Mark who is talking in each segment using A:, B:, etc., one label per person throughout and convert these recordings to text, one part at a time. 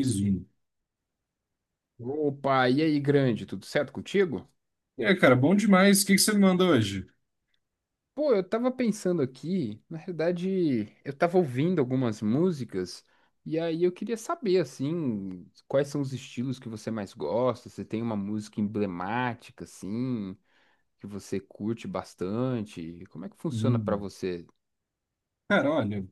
A: Zoom.
B: Opa, e aí, grande, tudo certo contigo?
A: É, cara, bom demais. O que que você me manda hoje?
B: Pô, eu tava pensando aqui, na realidade, eu tava ouvindo algumas músicas e aí eu queria saber, assim, quais são os estilos que você mais gosta, se tem uma música emblemática, assim, que você curte bastante, como é que funciona pra
A: Hum.
B: você?
A: Cara, olha,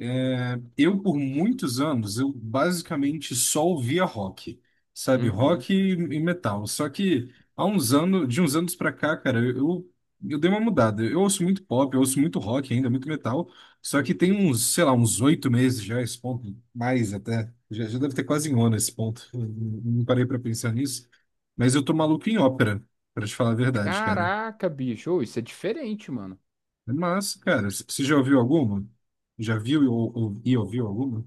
A: é, eu, por muitos anos, eu basicamente só ouvia rock, sabe?
B: Uhum.
A: Rock e metal. Só que há uns anos, de uns anos pra cá, cara, eu dei uma mudada. Eu ouço muito pop, eu ouço muito rock ainda, muito metal. Só que tem uns, sei lá, uns 8 meses já, esse ponto, mais até. Já deve ter quase um ano esse ponto. Eu não parei pra pensar nisso. Mas eu tô maluco em ópera, pra te falar a verdade, cara.
B: Caraca, bicho, ô, isso é diferente, mano.
A: Mas, cara, você já ouviu alguma? Já viu e ouviu alguma?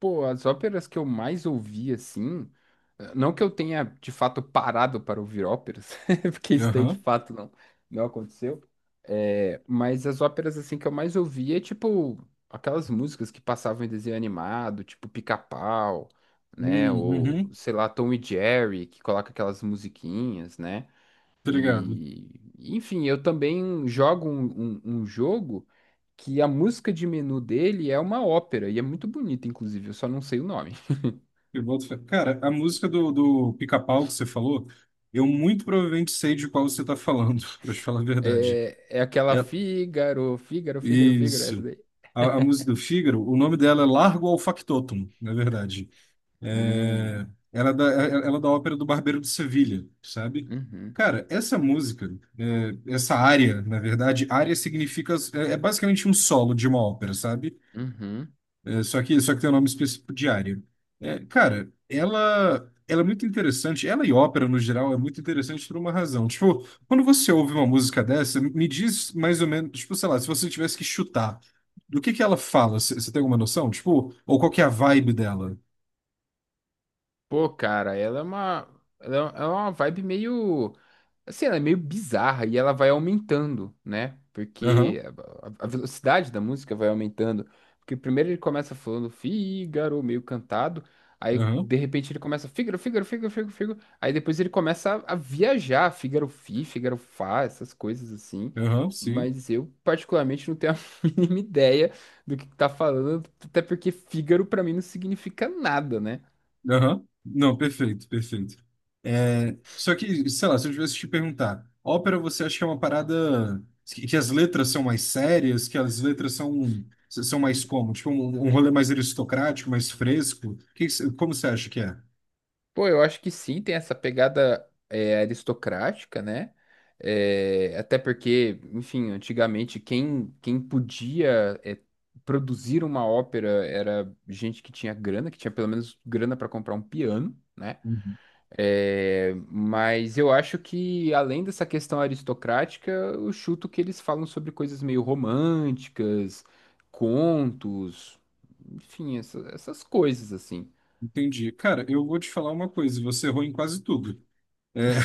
B: Pô, as óperas que eu mais ouvi, assim, não que eu tenha de fato parado para ouvir óperas, porque isso daí de
A: Aham.
B: fato não aconteceu, mas as óperas, assim, que eu mais ouvi é tipo aquelas músicas que passavam em desenho animado, tipo Pica-Pau, né, ou
A: Uhum,
B: sei lá, Tom e Jerry, que coloca aquelas musiquinhas, né,
A: obrigado.
B: e, enfim, eu também jogo um jogo que a música de menu dele é uma ópera e é muito bonita, inclusive, eu só não sei o nome.
A: Eu boto fé. Cara, a música do Pica-Pau que você falou, eu muito provavelmente sei de qual você está falando, para te falar a verdade.
B: É aquela
A: É,
B: Fígaro, Fígaro, Fígaro, Fígaro, essa
A: isso.
B: daí.
A: A música do Fígaro, o nome dela é Largo ao Factotum, na verdade.
B: Hum,
A: É, ela é da ópera do Barbeiro de Sevilha, sabe?
B: uhum,
A: Cara, essa música, é, essa área, na verdade, área significa, é basicamente um solo de uma ópera, sabe?
B: uhum.
A: É, só que tem um nome específico diário. É, cara, ela é muito interessante. Ela e ópera, no geral, é muito interessante por uma razão. Tipo, quando você ouve uma música dessa, me diz mais ou menos, tipo, sei lá, se você tivesse que chutar, do que ela fala? Você tem alguma noção? Tipo, ou qual que é a vibe dela?
B: Pô, cara, ela é uma vibe meio. Assim, ela é meio bizarra e ela vai aumentando, né?
A: Aham,
B: Porque a velocidade da música vai aumentando. Porque primeiro ele começa falando Fígaro, meio cantado. Aí,
A: aham,
B: de repente, ele começa Fígaro, Fígaro, Fígaro, Fígaro, Fígaro. Aí depois ele começa a viajar, Fígaro Fi, Fígaro Fá, essas coisas assim.
A: aham, sim.
B: Mas eu, particularmente, não tenho a mínima ideia do que tá falando. Até porque Fígaro, pra mim, não significa nada, né?
A: Aham. Não, perfeito, perfeito. É, só que, sei lá, se eu tivesse que te perguntar, ópera você acha que é uma parada que as letras são mais sérias, que as letras são mais como? Tipo, um rolê mais aristocrático, mais fresco? Como você acha que é?
B: Pô, eu acho que sim, tem essa pegada aristocrática, né? É, até porque, enfim, antigamente quem podia produzir uma ópera era gente que tinha grana, que tinha pelo menos grana para comprar um piano, né?
A: Uhum.
B: É, mas eu acho que, além dessa questão aristocrática, eu chuto que eles falam sobre coisas meio românticas, contos, enfim, essas coisas assim.
A: Entendi. Cara, eu vou te falar uma coisa, você errou em quase tudo. É...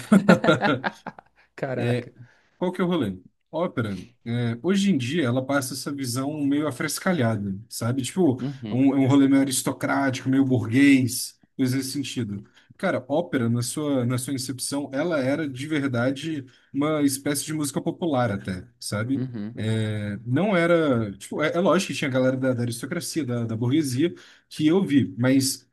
A: É,
B: Caraca.
A: qual que é o rolê? Ópera, é, hoje em dia, ela passa essa visão meio afrescalhada, sabe? Tipo, é
B: Uhum,
A: um, é um rolê meio aristocrático, meio burguês, coisa nesse sentido. Cara, ópera, na sua incepção, ela era de verdade uma espécie de música popular até, sabe?
B: uhum.
A: É, não era. Tipo, é lógico que tinha a galera da aristocracia, da burguesia, que eu vi, mas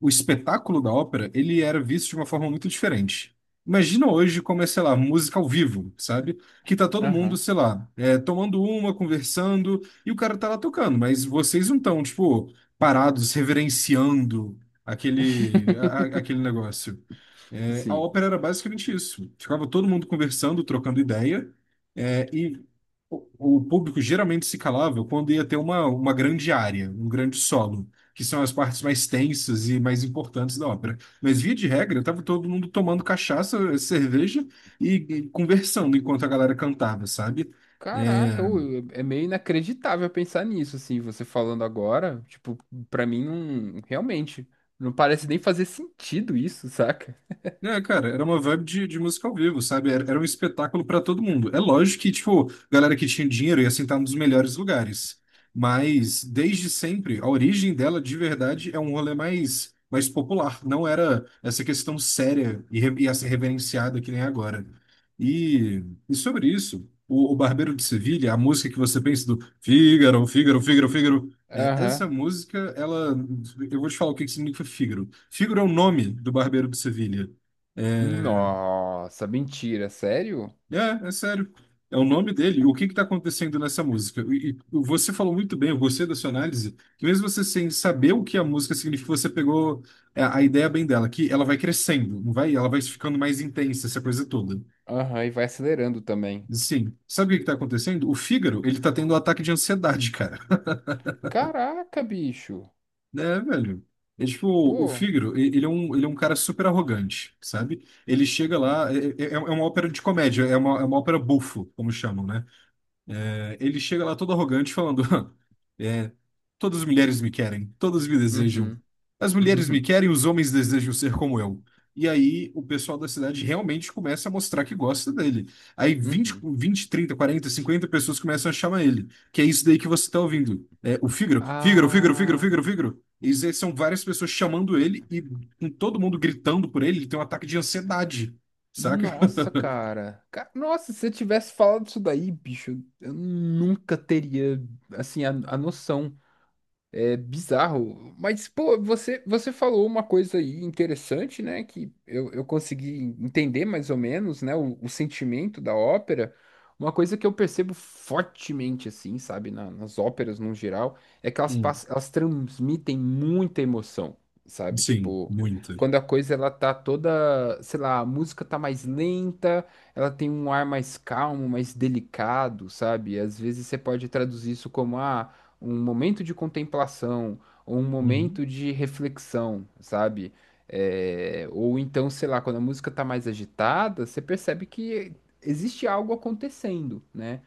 A: o espetáculo da ópera, ele era visto de uma forma muito diferente. Imagina hoje como é, sei lá, música ao vivo, sabe? Que tá todo mundo,
B: Aham.
A: sei lá, é, tomando uma, conversando, e o cara tá lá tocando, mas vocês não estão, tipo, parados, reverenciando aquele, a- a- aquele negócio. É, a
B: Sim.
A: ópera era basicamente isso. Ficava todo mundo conversando, trocando ideia, é, e o, o público geralmente se calava quando ia ter uma grande área, um grande solo que são as partes mais tensas e mais importantes da ópera. Mas, via de regra, estava todo mundo tomando cachaça, cerveja e conversando enquanto a galera cantava, sabe?
B: Caraca, ô,
A: É,
B: é meio inacreditável pensar nisso, assim, você falando agora, tipo, pra mim não, realmente, não parece nem fazer sentido isso, saca?
A: É, cara, era uma vibe de música ao vivo, sabe? Era um espetáculo pra todo mundo. É lógico que, tipo, galera que tinha dinheiro ia sentar nos melhores lugares. Mas, desde sempre, a origem dela, de verdade, é um rolê mais popular. Não era essa questão séria e assim, reverenciada que nem é agora. E sobre isso, o Barbeiro de Sevilha, a música que você pensa do Fígaro, Fígaro, Fígaro, Fígaro, é, essa
B: Aham.
A: música, ela. Eu vou te falar o que que significa Fígaro. Fígaro é o nome do Barbeiro de Sevilha. É,
B: Nossa, mentira, sério?
A: é sério. É o nome dele. O que está acontecendo nessa música? E você falou muito bem, eu gostei da sua análise, que mesmo você sem saber o que a música significa, você pegou a ideia bem dela, que ela vai crescendo, não vai? Ela vai ficando mais intensa, essa coisa toda.
B: Aham, e vai acelerando também.
A: Sim. Sabe o que está acontecendo? O Fígaro, ele tá tendo um ataque de ansiedade, cara.
B: Caraca, bicho.
A: É, velho. É tipo, o
B: Pô.
A: Fígaro, ele é um, ele é um, cara super arrogante, sabe? Ele chega lá, é uma ópera de comédia, é uma ópera bufo, como chamam, né? Ele chega lá todo arrogante falando: é, todas as mulheres me querem, todas me desejam.
B: Uhum.
A: As mulheres me querem, os homens desejam ser como eu. E aí o pessoal da cidade realmente começa a mostrar que gosta dele. Aí
B: Uhum.
A: vinte
B: Uhum.
A: vinte trinta quarenta cinquenta pessoas começam a chamar ele. Que é isso daí que você está ouvindo. É, o Fígaro, Fígaro, Fígaro, Fígaro,
B: Ah.
A: Fígaro, Fígaro. E aí são várias pessoas chamando ele e, com todo mundo gritando por ele, ele tem um ataque de ansiedade, saca?
B: Nossa, cara. Nossa, se você tivesse falado isso daí, bicho, eu nunca teria, assim, a noção. É bizarro. Mas, pô, você falou uma coisa aí interessante, né? Que eu consegui entender mais ou menos, né? O sentimento da ópera. Uma coisa que eu percebo fortemente, assim, sabe? Nas óperas, no geral, é que elas,
A: Hum.
B: pass- elas transmitem muita emoção, sabe?
A: Sim,
B: Tipo,
A: muita.
B: quando a coisa, ela tá toda, sei lá, a música tá mais lenta, ela tem um ar mais calmo, mais delicado, sabe? Às vezes você pode traduzir isso como, ah, um momento de contemplação, ou um
A: Uhum.
B: momento de reflexão, sabe? É, ou então, sei lá, quando a música tá mais agitada, você percebe que existe algo acontecendo, né?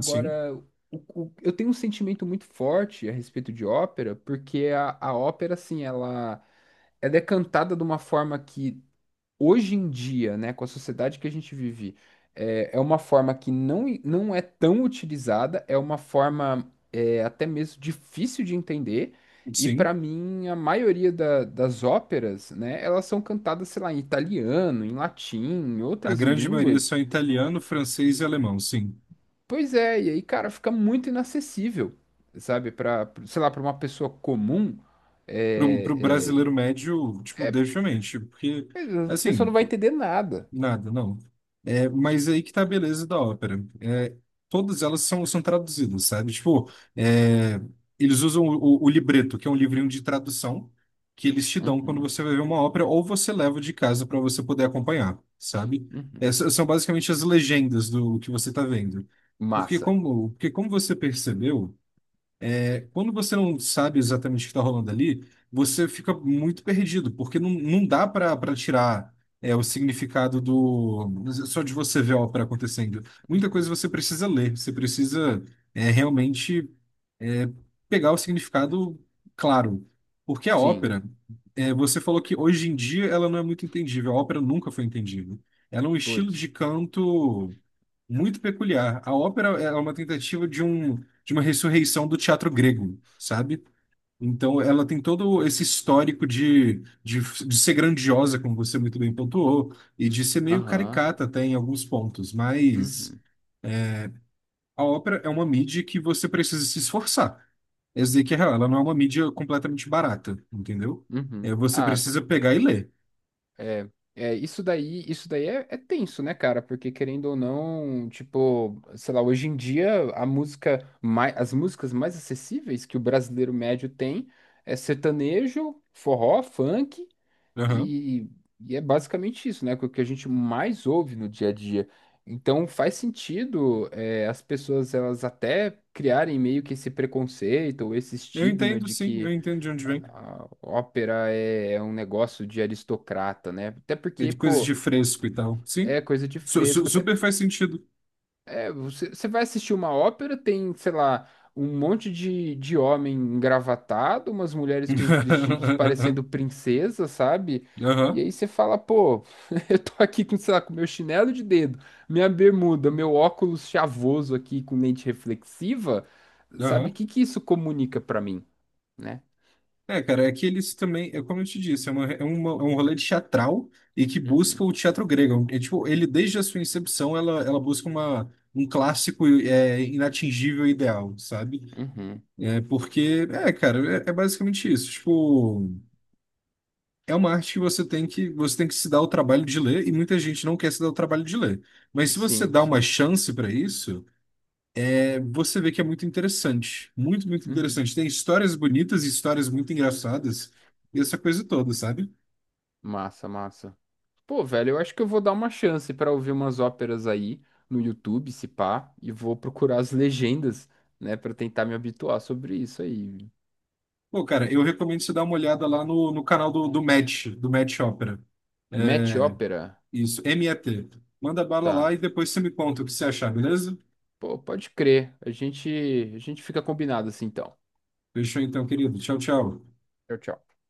A: Sim.
B: eu tenho um sentimento muito forte a respeito de ópera, porque a ópera, assim, ela, é cantada de uma forma que hoje em dia, né, com a sociedade que a gente vive, é uma forma que não é tão utilizada, é uma forma até mesmo difícil de entender. E para
A: Sim,
B: mim, a maioria das óperas, né, elas são cantadas, sei lá, em italiano, em latim, em
A: a
B: outras
A: grande maioria
B: línguas.
A: só é italiano, francês e alemão, sim.
B: Pois é, e aí, cara, fica muito inacessível, sabe? Para, sei lá, para uma pessoa comum,
A: Para o
B: é,
A: brasileiro médio, tipo,
B: é, é,
A: definitivamente, porque,
B: a pessoa
A: assim,
B: não vai entender nada.
A: nada, não. É, mas aí que tá a beleza da ópera. É, todas elas são traduzidas, sabe? Tipo, é, eles usam o libreto, que é um livrinho de tradução, que eles te dão quando
B: Uhum,
A: você vai ver uma ópera, ou você leva de casa para você poder acompanhar, sabe?
B: uhum.
A: Essas são basicamente as legendas do que você tá vendo. Porque
B: Massa.
A: como, porque como você percebeu, é, quando você não sabe exatamente o que está rolando ali, você fica muito perdido, porque não dá para tirar é, o significado do só de você ver a ópera acontecendo. Muita coisa
B: Uhum.
A: você precisa ler, você precisa é, realmente é, pegar o significado claro. Porque a
B: Sim,
A: ópera, é, você falou que hoje em dia ela não é muito entendível, a ópera nunca foi entendível. Ela é um estilo de
B: putz.
A: canto muito peculiar. A ópera é uma tentativa de uma ressurreição do teatro grego, sabe? Então, ela tem todo esse histórico de, de ser grandiosa, como você muito bem pontuou, e de ser meio
B: Aham.
A: caricata até em alguns pontos, mas
B: Uhum.
A: a ópera é uma mídia que você precisa se esforçar. Essa dizer que é real, ela não é uma mídia completamente barata, entendeu? É,
B: Uhum.
A: você
B: Ah,
A: precisa pegar e ler.
B: é, isso daí, é tenso, né, cara? Porque querendo ou não, tipo, sei lá, hoje em dia as músicas mais acessíveis que o brasileiro médio tem é sertanejo, forró, funk.
A: Aham.
B: E, e é basicamente isso, né, que é o que a gente mais ouve no dia a dia. Então faz sentido, as pessoas elas até criarem meio que esse preconceito ou esse
A: Eu
B: estigma
A: entendo,
B: de
A: sim, eu
B: que
A: entendo de onde vem.
B: a ópera é um negócio de aristocrata, né? Até
A: É
B: porque,
A: de coisas de
B: pô,
A: fresco e tal. Sim,
B: é coisa de
A: Su- su-
B: fresco. Até
A: super faz sentido.
B: você vai assistir uma ópera, tem, sei lá, um monte de homem engravatado, umas mulheres com os vestidos parecendo princesa, sabe? E
A: Aham,
B: aí você fala, pô, eu tô aqui com, sei lá, com meu chinelo de dedo, minha bermuda, meu óculos chavoso aqui com lente reflexiva, sabe? O
A: aham.
B: que que isso comunica pra mim, né?
A: É, cara, é que eles também, é como eu te disse, é um rolê de teatral e que busca
B: Uhum,
A: o teatro grego. É, tipo, ele, desde a sua incepção, ela busca um clássico é, inatingível e ideal, sabe?
B: uhum.
A: É, porque, é, cara, é basicamente isso. Tipo, é uma arte que você tem que se dar o trabalho de ler e muita gente não quer se dar o trabalho de ler. Mas se você
B: Sim,
A: dá uma
B: sim.
A: chance para isso, é, você vê que é muito interessante. Muito, muito
B: Uhum.
A: interessante. Tem histórias bonitas e histórias muito engraçadas e essa coisa toda, sabe?
B: Massa, massa. Pô, velho, eu acho que eu vou dar uma chance pra ouvir umas óperas aí no YouTube, se pá, e vou procurar as legendas, né, pra tentar me habituar sobre isso aí.
A: Pô, cara, eu recomendo você dar uma olhada lá no canal do Match Opera.
B: Match
A: É,
B: ópera?
A: isso, MET. Manda bala lá
B: Tá.
A: e depois você me conta o que você achar, beleza?
B: Pô, pode crer. A gente fica combinado assim, então.
A: Fechou então, querido. Tchau, tchau.
B: Tchau, tchau.